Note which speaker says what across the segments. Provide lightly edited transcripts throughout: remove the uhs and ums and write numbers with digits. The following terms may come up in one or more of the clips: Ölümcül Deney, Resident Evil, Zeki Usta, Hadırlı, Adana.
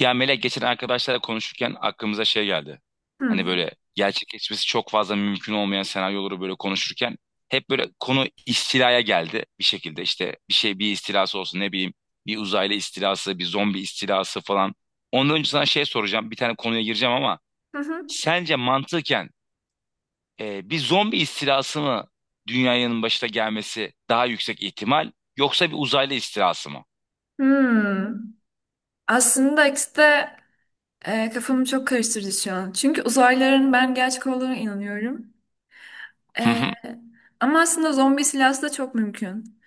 Speaker 1: Ya Melek, geçen arkadaşlarla konuşurken aklımıza şey geldi. Hani
Speaker 2: Hı.
Speaker 1: böyle gerçekleşmesi çok fazla mümkün olmayan senaryoları böyle konuşurken hep böyle konu istilaya geldi bir şekilde. İşte bir şey, bir istilası olsun, ne bileyim, bir uzaylı istilası, bir zombi istilası falan. Ondan önce sana şey soracağım. Bir tane konuya gireceğim ama
Speaker 2: Hı hı.
Speaker 1: sence mantıken bir zombi istilası mı dünyanın başına gelmesi daha yüksek ihtimal, yoksa bir uzaylı istilası mı?
Speaker 2: Hmm. Aslında ikisi de kafamı çok karıştırdı şu an. Çünkü uzaylıların ben gerçek olduğuna inanıyorum.
Speaker 1: Hı
Speaker 2: E,
Speaker 1: hı.
Speaker 2: ama aslında zombi silahsı da çok mümkün.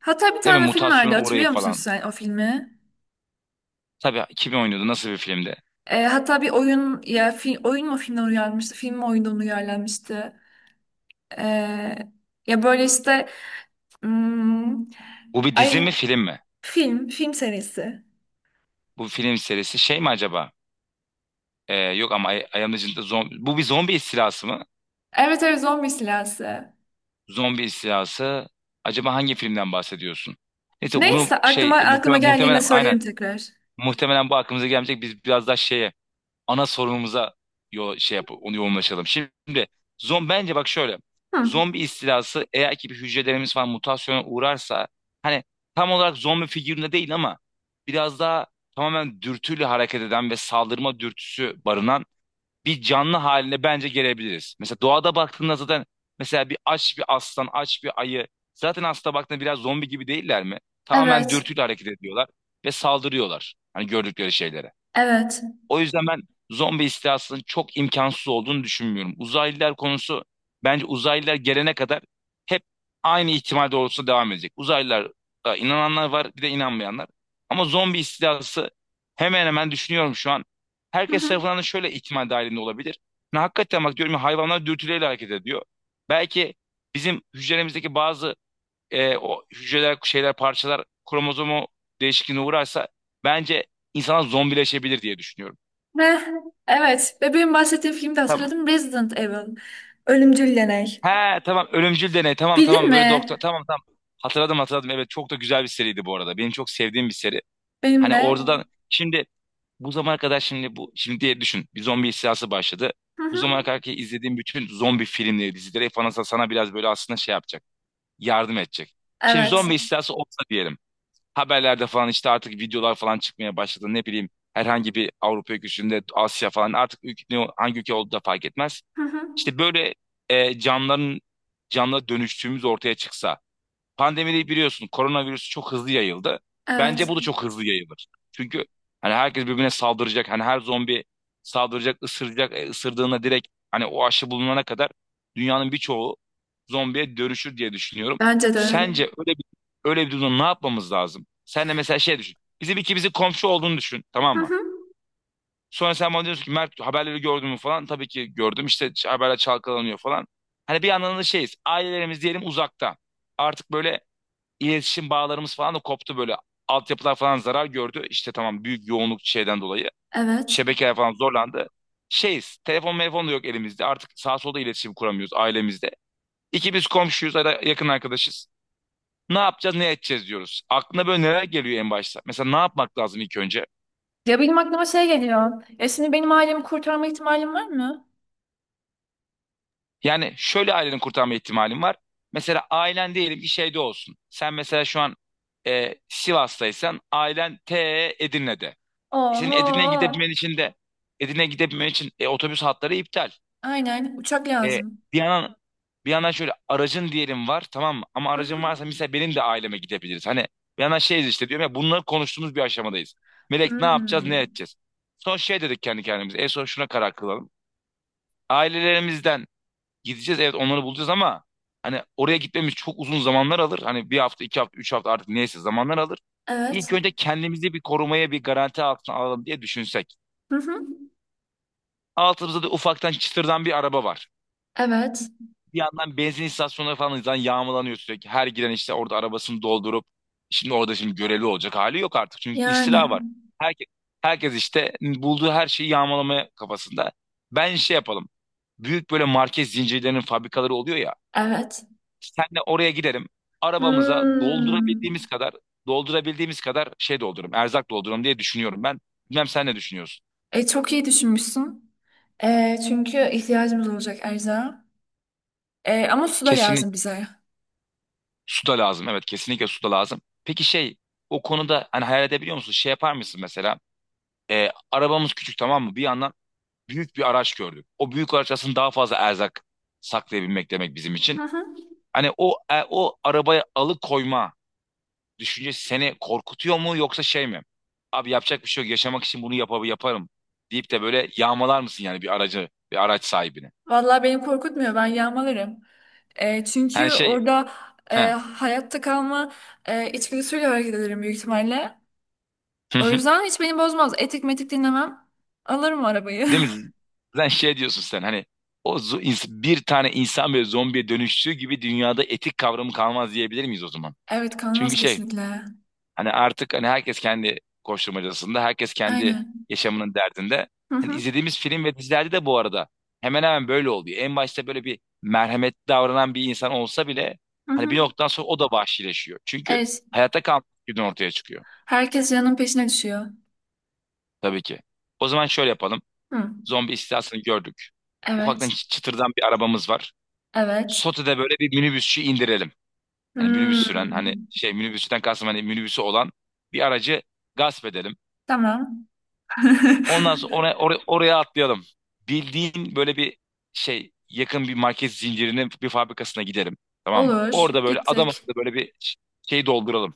Speaker 2: Hatta bir
Speaker 1: Değil mi?
Speaker 2: tane film vardı,
Speaker 1: Mutasyonu orayı
Speaker 2: hatırlıyor musun
Speaker 1: falan.
Speaker 2: sen o filmi?
Speaker 1: Tabii, kim oynuyordu? Nasıl bir filmdi?
Speaker 2: Hatta bir oyun oyun mu filmden uyarlanmıştı? Film mi oyundan uyarlanmıştı? E, ya böyle işte hmm,
Speaker 1: Bu bir dizi
Speaker 2: ay,
Speaker 1: mi, film mi?
Speaker 2: film serisi.
Speaker 1: Bu film serisi şey mi acaba? Yok ama Ay Ayağımın Ucunda Zombi. Bu bir zombi istilası mı?
Speaker 2: Evet, evet, zombi silahsı.
Speaker 1: Zombi istilası. Acaba hangi filmden bahsediyorsun? Neyse bunu
Speaker 2: Neyse, aklıma
Speaker 1: şey
Speaker 2: aklıma
Speaker 1: muhtemelen,
Speaker 2: geldiğinde
Speaker 1: muhtemelen aynen.
Speaker 2: söylerim tekrar.
Speaker 1: Muhtemelen bu aklımıza gelmeyecek. Biz biraz daha şeye, ana sorunumuza, yo şey yap, onu yoğunlaşalım. Şimdi bence bak şöyle.
Speaker 2: Hı.
Speaker 1: Zombi istilası, eğer ki bir hücrelerimiz falan mutasyona uğrarsa, hani tam olarak zombi figüründe değil ama biraz daha tamamen dürtüyle hareket eden ve saldırma dürtüsü barınan bir canlı haline bence gelebiliriz. Mesela doğada baktığında zaten mesela bir aç bir aslan, aç bir ayı zaten, aslında baktığında biraz zombi gibi değiller mi? Tamamen
Speaker 2: Evet.
Speaker 1: dürtüyle hareket ediyorlar ve saldırıyorlar. Hani gördükleri şeylere.
Speaker 2: Evet.
Speaker 1: O yüzden ben zombi istilasının çok imkansız olduğunu düşünmüyorum. Uzaylılar konusu bence uzaylılar gelene kadar hep aynı ihtimal doğrultusunda devam edecek. Uzaylılara inananlar var, bir de inanmayanlar. Ama zombi istilası hemen hemen düşünüyorum şu an.
Speaker 2: Hı
Speaker 1: Herkes
Speaker 2: hı.
Speaker 1: tarafından da şöyle ihtimal dahilinde olabilir. Ne hakikaten, bak, diyorum ya, hayvanlar dürtüleyle hareket ediyor. Belki bizim hücremizdeki bazı o hücreler, şeyler, parçalar kromozomu değişikliğine uğrarsa bence insana zombileşebilir diye düşünüyorum.
Speaker 2: Ve evet. Ve benim bahsettiğim filmde
Speaker 1: Tamam.
Speaker 2: hatırladım. Resident Evil. Ölümcül Deney.
Speaker 1: He tamam, ölümcül deney, tamam
Speaker 2: Bildin
Speaker 1: tamam, böyle doktor,
Speaker 2: mi?
Speaker 1: tamam tamam. Hatırladım hatırladım, evet, çok da güzel bir seriydi bu arada. Benim çok sevdiğim bir seri.
Speaker 2: Benim
Speaker 1: Hani
Speaker 2: de.
Speaker 1: oradan şimdi bu zamana kadar, şimdi bu şimdi diye düşün, bir zombi istilası başladı.
Speaker 2: Hı
Speaker 1: Bu
Speaker 2: hı.
Speaker 1: zamana kadar ki izlediğim bütün zombi filmleri, dizileri falan sana biraz böyle aslında şey yapacak, yardım edecek. Şimdi
Speaker 2: Evet.
Speaker 1: zombi istilası olsa diyelim, haberlerde falan işte artık videolar falan çıkmaya başladı, ne bileyim, herhangi bir Avrupa ülkesinde, Asya falan, artık ülke, hangi ülke olduğu da fark etmez.
Speaker 2: Hı hı.
Speaker 1: İşte böyle canların, canlı dönüştüğümüz ortaya çıksa. Pandemide biliyorsun, koronavirüs çok hızlı yayıldı. Bence
Speaker 2: Evet.
Speaker 1: bu da çok hızlı yayılır. Çünkü hani herkes birbirine saldıracak. Hani her zombi saldıracak, ısıracak. Isırdığında direkt, hani o aşı bulunana kadar dünyanın birçoğu zombiye dönüşür diye düşünüyorum.
Speaker 2: Bence de.
Speaker 1: Sence öyle bir durumda ne yapmamız lazım? Sen de mesela şey düşün. Bizim ikimizin komşu olduğunu düşün,
Speaker 2: Hı
Speaker 1: tamam mı?
Speaker 2: hı.
Speaker 1: Sonra sen bana diyorsun ki, Mert, haberleri gördün mü falan. Tabii ki gördüm. İşte haberler çalkalanıyor falan. Hani bir yandan da şeyiz. Ailelerimiz diyelim uzakta. Artık böyle iletişim bağlarımız falan da koptu böyle. Altyapılar falan zarar gördü. İşte tamam, büyük yoğunluk şeyden dolayı.
Speaker 2: Evet.
Speaker 1: Şebekeler falan zorlandı. Şeyiz. Telefon da yok elimizde. Artık sağ solda iletişim kuramıyoruz ailemizde. İki biz komşuyuz ya da yakın arkadaşız. Ne yapacağız, ne edeceğiz diyoruz. Aklına böyle neler geliyor en başta? Mesela ne yapmak lazım ilk önce?
Speaker 2: Ya, benim aklıma şey geliyor. Ya şimdi benim ailemi kurtarma ihtimalim var mı?
Speaker 1: Yani şöyle, aileni kurtarma ihtimalin var. Mesela ailen diyelim ki şeyde olsun. Sen mesela şu an Sivas'taysan, ailen Edirne'de. Senin Edirne'ye
Speaker 2: Oho.
Speaker 1: gidebilmen için de Edirne'ye gidebilmen için otobüs hatları iptal.
Speaker 2: Aynen. Uçak
Speaker 1: E,
Speaker 2: lazım.
Speaker 1: bir yandan bir yandan şöyle, aracın diyelim var, tamam mı? Ama
Speaker 2: Hı
Speaker 1: aracın
Speaker 2: hı.
Speaker 1: varsa mesela benim de aileme gidebiliriz. Hani bir yandan şeyiz işte, diyorum ya, bunları konuştuğumuz bir aşamadayız. Melek, ne yapacağız, ne
Speaker 2: Hmm.
Speaker 1: edeceğiz? Son şey dedik kendi kendimize. En son şuna karar kılalım. Ailelerimizden gideceğiz, evet, onları bulacağız ama hani oraya gitmemiz çok uzun zamanlar alır. Hani bir hafta, iki hafta, üç hafta, artık neyse, zamanlar alır.
Speaker 2: Evet.
Speaker 1: İlk önce kendimizi bir korumaya, bir garanti altına alalım diye düşünsek.
Speaker 2: Hı hı.
Speaker 1: Altımızda da ufaktan çıtırdan bir araba var.
Speaker 2: Evet.
Speaker 1: Bir yandan benzin istasyonları falan zaten yağmalanıyor sürekli. Her giren işte orada arabasını doldurup, şimdi orada şimdi görevli olacak hali yok artık. Çünkü
Speaker 2: Yani
Speaker 1: istila var. Herkes, herkes işte bulduğu her şeyi yağmalamaya kafasında. Ben şey yapalım. Büyük böyle market zincirlerinin fabrikaları oluyor ya.
Speaker 2: evet.
Speaker 1: Senle oraya giderim. Arabamıza
Speaker 2: Hmm.
Speaker 1: doldurabildiğimiz kadar şey doldururum. Erzak doldururum diye düşünüyorum ben. Bilmem sen ne düşünüyorsun?
Speaker 2: Çok iyi düşünmüşsün. Çünkü ihtiyacımız olacak erzağa. Ama su da
Speaker 1: Kesinlikle
Speaker 2: lazım bize.
Speaker 1: su da lazım. Evet, kesinlikle su da lazım. Peki şey, o konuda hani hayal edebiliyor musun? Şey yapar mısın mesela? Arabamız küçük, tamam mı? Bir yandan büyük bir araç gördük. O büyük araç aslında daha fazla erzak saklayabilmek demek bizim için.
Speaker 2: Hı hı.
Speaker 1: Hani o arabaya alıkoyma düşüncesi seni korkutuyor mu, yoksa şey mi? Abi yapacak bir şey yok, yaşamak için bunu yaparım deyip de böyle yağmalar mısın yani bir aracı, bir araç sahibini?
Speaker 2: Vallahi beni korkutmuyor. Ben yağmalarım. E,
Speaker 1: Hani
Speaker 2: çünkü
Speaker 1: şey,
Speaker 2: orada
Speaker 1: he,
Speaker 2: hayatta kalma içgüdüsüyle hareket ederim büyük ihtimalle. O yüzden hiç beni bozmaz. Etik metik dinlemem. Alırım arabayı.
Speaker 1: değil mi? Sen şey diyorsun, sen hani bir tane insan böyle zombiye dönüştüğü gibi dünyada etik kavramı kalmaz diyebilir miyiz o zaman?
Speaker 2: Evet,
Speaker 1: Çünkü
Speaker 2: kalmaz
Speaker 1: şey.
Speaker 2: kesinlikle.
Speaker 1: Hani artık hani herkes kendi koşturmacasında, herkes kendi
Speaker 2: Aynen.
Speaker 1: yaşamının derdinde.
Speaker 2: Hı
Speaker 1: Hani
Speaker 2: hı.
Speaker 1: izlediğimiz film ve dizilerde de bu arada hemen hemen böyle oluyor. En başta böyle bir merhametli davranan bir insan olsa bile
Speaker 2: Hı
Speaker 1: hani bir
Speaker 2: hı.
Speaker 1: noktadan sonra o da vahşileşiyor. Çünkü
Speaker 2: Evet.
Speaker 1: hayatta kalmak günü ortaya çıkıyor,
Speaker 2: Herkes canın peşine düşüyor.
Speaker 1: tabii ki. O zaman şöyle yapalım.
Speaker 2: Hı.
Speaker 1: Zombi istilasını gördük. Ufaktan
Speaker 2: Evet.
Speaker 1: çıtırdan bir arabamız var.
Speaker 2: Evet.
Speaker 1: Sote'de böyle bir minibüsçü indirelim. Hani minibüs süren, hani
Speaker 2: Hmm,
Speaker 1: şey, minibüsçüden kastım hani minibüsü olan bir aracı gasp edelim.
Speaker 2: tamam.
Speaker 1: Ondan sonra oraya, oraya, oraya atlayalım. Bildiğin böyle bir şey, yakın bir market zincirinin bir fabrikasına gidelim. Tamam mı?
Speaker 2: Olur,
Speaker 1: Orada böyle adam
Speaker 2: gittik.
Speaker 1: akıllı böyle bir şey dolduralım.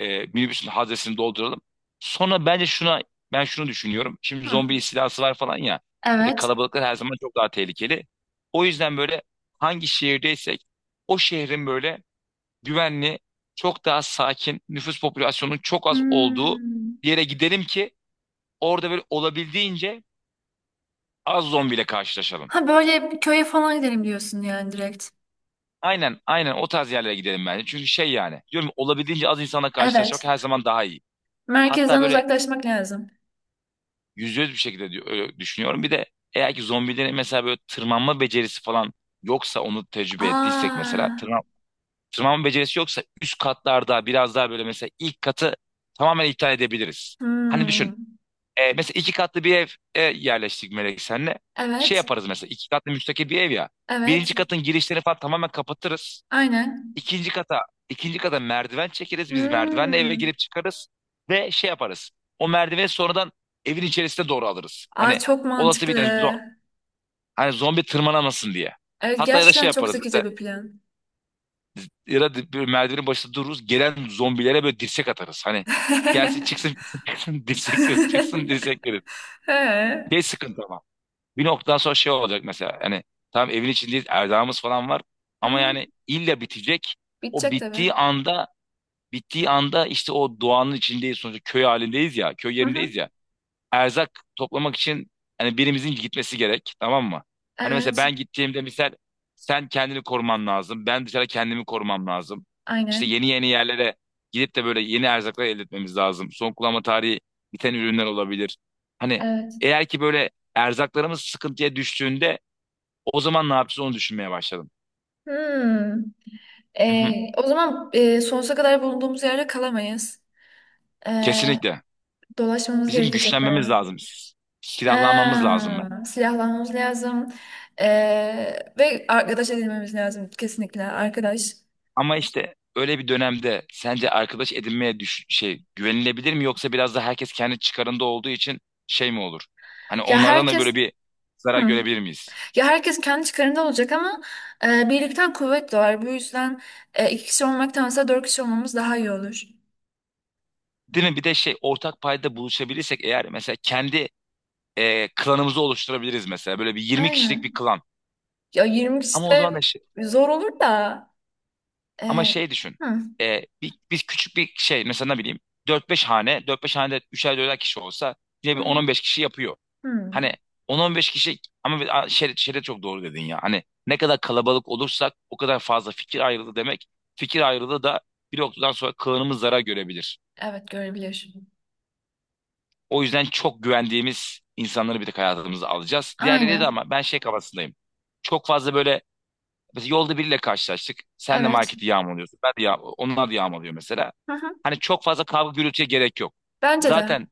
Speaker 1: Minibüsün haznesini dolduralım. Sonra bence şuna, ben şunu düşünüyorum. Şimdi
Speaker 2: Hı,
Speaker 1: zombi istilası var falan ya. Bir de
Speaker 2: evet.
Speaker 1: kalabalıklar her zaman çok daha tehlikeli. O yüzden böyle hangi şehirdeysek o şehrin böyle güvenli, çok daha sakin, nüfus popülasyonunun çok az olduğu
Speaker 2: Hmm.
Speaker 1: bir yere gidelim ki orada böyle olabildiğince az zombiyle karşılaşalım.
Speaker 2: Ha, böyle köye falan gidelim diyorsun yani, direkt.
Speaker 1: Aynen aynen, o tarz yerlere gidelim bence. Çünkü şey, yani diyorum ya, olabildiğince az insanla karşılaşmak
Speaker 2: Evet.
Speaker 1: her zaman daha iyi. Hatta
Speaker 2: Merkezden
Speaker 1: böyle
Speaker 2: uzaklaşmak lazım.
Speaker 1: %100 bir şekilde öyle düşünüyorum. Bir de eğer ki zombilerin mesela böyle tırmanma becerisi falan yoksa, onu tecrübe ettiysek mesela,
Speaker 2: Aa.
Speaker 1: tırmanma becerisi yoksa üst katlarda biraz daha böyle, mesela ilk katı tamamen iptal edebiliriz. Hani düşün,
Speaker 2: Hmm.
Speaker 1: mesela iki katlı bir ev, yerleştik Melek senle, şey
Speaker 2: Evet.
Speaker 1: yaparız mesela, iki katlı müstakil bir ev ya, birinci
Speaker 2: Evet.
Speaker 1: katın girişlerini falan tamamen kapatırız.
Speaker 2: Aynen.
Speaker 1: İkinci kata, ikinci kata merdiven çekeriz. Biz merdivenle eve
Speaker 2: Hmm.
Speaker 1: girip çıkarız ve şey yaparız. O merdiveni sonradan evin içerisine doğru alırız.
Speaker 2: Aa,
Speaker 1: Hani
Speaker 2: çok
Speaker 1: olası bir
Speaker 2: mantıklı.
Speaker 1: tane hani zombi tırmanamasın diye.
Speaker 2: Evet,
Speaker 1: Hatta ya da şey
Speaker 2: gerçekten çok
Speaker 1: yaparız mesela,
Speaker 2: zekice bir plan.
Speaker 1: ya da bir merdivenin başında dururuz. Gelen zombilere böyle dirsek atarız. Hani gelsin, çıksın çıksın çıksın dirsek veririz, çıksın dirsek veririz.
Speaker 2: He.
Speaker 1: Ne sıkıntı ama. Bir noktadan sonra şey olacak mesela. Hani tamam, evin içindeyiz, erdağımız falan var.
Speaker 2: Hı
Speaker 1: Ama
Speaker 2: hı.
Speaker 1: yani illa bitecek. O
Speaker 2: Bitecek tabii.
Speaker 1: bittiği anda Bittiği anda işte o doğanın içindeyiz, sonuçta köy halindeyiz ya, köy
Speaker 2: Hı hı.
Speaker 1: yerindeyiz ya. Erzak toplamak için hani birimizin gitmesi gerek, tamam mı? Hani mesela
Speaker 2: Evet.
Speaker 1: ben gittiğimde misal, sen kendini koruman lazım. Ben dışarı kendimi korumam lazım. İşte
Speaker 2: Aynen.
Speaker 1: yeni yeni yerlere gidip de böyle yeni erzaklar elde etmemiz lazım. Son kullanma tarihi biten ürünler olabilir. Hani
Speaker 2: Evet.
Speaker 1: eğer ki böyle erzaklarımız sıkıntıya düştüğünde o zaman ne yapacağız onu düşünmeye başladım.
Speaker 2: Hmm.
Speaker 1: Hı hı.
Speaker 2: O zaman sonsuza kadar bulunduğumuz yerde kalamayız. Ee,
Speaker 1: Kesinlikle.
Speaker 2: dolaşmamız
Speaker 1: Bizim
Speaker 2: gerekecek
Speaker 1: güçlenmemiz
Speaker 2: bayağı.
Speaker 1: lazım. Silahlanmamız lazım.
Speaker 2: Ha, silahlanmamız lazım. Ee, ve arkadaş edinmemiz lazım, kesinlikle arkadaş.
Speaker 1: Ama işte öyle bir dönemde sence arkadaş edinmeye şey, güvenilebilir mi, yoksa biraz da herkes kendi çıkarında olduğu için şey mi olur? Hani
Speaker 2: Ya
Speaker 1: onlardan da böyle
Speaker 2: herkes.
Speaker 1: bir zarar
Speaker 2: Hı.
Speaker 1: görebilir miyiz?
Speaker 2: Ya herkes kendi çıkarında olacak, ama birlikten kuvvet doğar. Bu yüzden iki kişi olmaktansa dört kişi olmamız daha iyi olur.
Speaker 1: Değil mi? Bir de şey, ortak payda buluşabilirsek eğer, mesela kendi klanımızı oluşturabiliriz, mesela böyle bir 20 kişilik bir
Speaker 2: Aynen.
Speaker 1: klan.
Speaker 2: Ya 20 kişi
Speaker 1: Ama o zaman
Speaker 2: de
Speaker 1: da şey,
Speaker 2: zor olur da.
Speaker 1: ama
Speaker 2: e,
Speaker 1: şey düşün.
Speaker 2: hı,
Speaker 1: Biz küçük bir şey mesela, ne bileyim, 4-5 hanede 3'er 4'er kişi olsa yine
Speaker 2: hı,
Speaker 1: bir
Speaker 2: hı.
Speaker 1: 10-15 kişi yapıyor.
Speaker 2: Hı.
Speaker 1: Hani 10-15 kişi ama şere çok doğru dedin ya. Hani ne kadar kalabalık olursak o kadar fazla fikir ayrılığı demek. Fikir ayrılığı da bir noktadan sonra kılınımız zarar görebilir.
Speaker 2: Evet, görebiliyor.
Speaker 1: O yüzden çok güvendiğimiz insanları bir tek hayatımıza alacağız. Diğerleri de,
Speaker 2: Aynen.
Speaker 1: ama ben şey kafasındayım. Çok fazla böyle, mesela yolda biriyle karşılaştık. Sen de
Speaker 2: Evet.
Speaker 1: marketi yağmalıyorsun. Ben de onlar da yağmalıyor mesela.
Speaker 2: Hı hı.
Speaker 1: Hani çok fazla kavga gürültüye gerek yok.
Speaker 2: Bence de.
Speaker 1: Zaten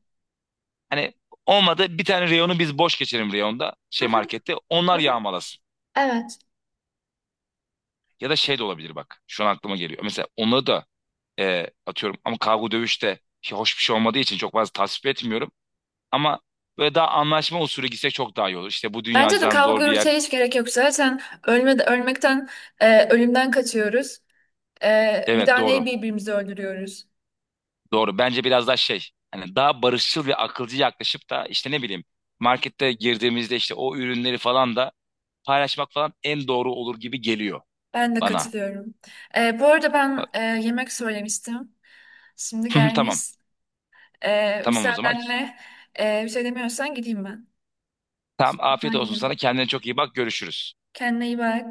Speaker 1: hani olmadı, bir tane reyonu biz boş geçelim, reyonda
Speaker 2: Hı
Speaker 1: şey,
Speaker 2: hı,
Speaker 1: markette. Onlar
Speaker 2: hı hı.
Speaker 1: yağmalasın.
Speaker 2: Evet.
Speaker 1: Ya da şey de olabilir bak. Şu an aklıma geliyor. Mesela onları da atıyorum ama, kavga dövüşte şey, hoş bir şey olmadığı için çok fazla tasvip etmiyorum. Ama böyle daha anlaşma usulü gitsek çok daha iyi olur. İşte bu dünya
Speaker 2: Bence de
Speaker 1: cidden
Speaker 2: kavga
Speaker 1: zor bir yer.
Speaker 2: gürültüye hiç gerek yok. Zaten ölme, ölmekten, ölümden kaçıyoruz. Bir
Speaker 1: Evet
Speaker 2: daha neyi
Speaker 1: doğru.
Speaker 2: birbirimizi öldürüyoruz.
Speaker 1: Doğru. Bence biraz daha şey. Hani daha barışçıl ve akılcı yaklaşıp da işte ne bileyim, markette girdiğimizde işte o ürünleri falan da paylaşmak falan en doğru olur gibi geliyor
Speaker 2: Ben de
Speaker 1: bana.
Speaker 2: katılıyorum. Bu arada ben
Speaker 1: Bak-
Speaker 2: yemek söylemiştim. Şimdi gelmiş.
Speaker 1: Tamam.
Speaker 2: E,
Speaker 1: Tamam o zaman.
Speaker 2: müsaadenle bir şey demiyorsan gideyim ben.
Speaker 1: Tamam,
Speaker 2: Ben
Speaker 1: afiyet olsun sana.
Speaker 2: yiyeyim.
Speaker 1: Kendine çok iyi bak. Görüşürüz.
Speaker 2: Kendine iyi bak.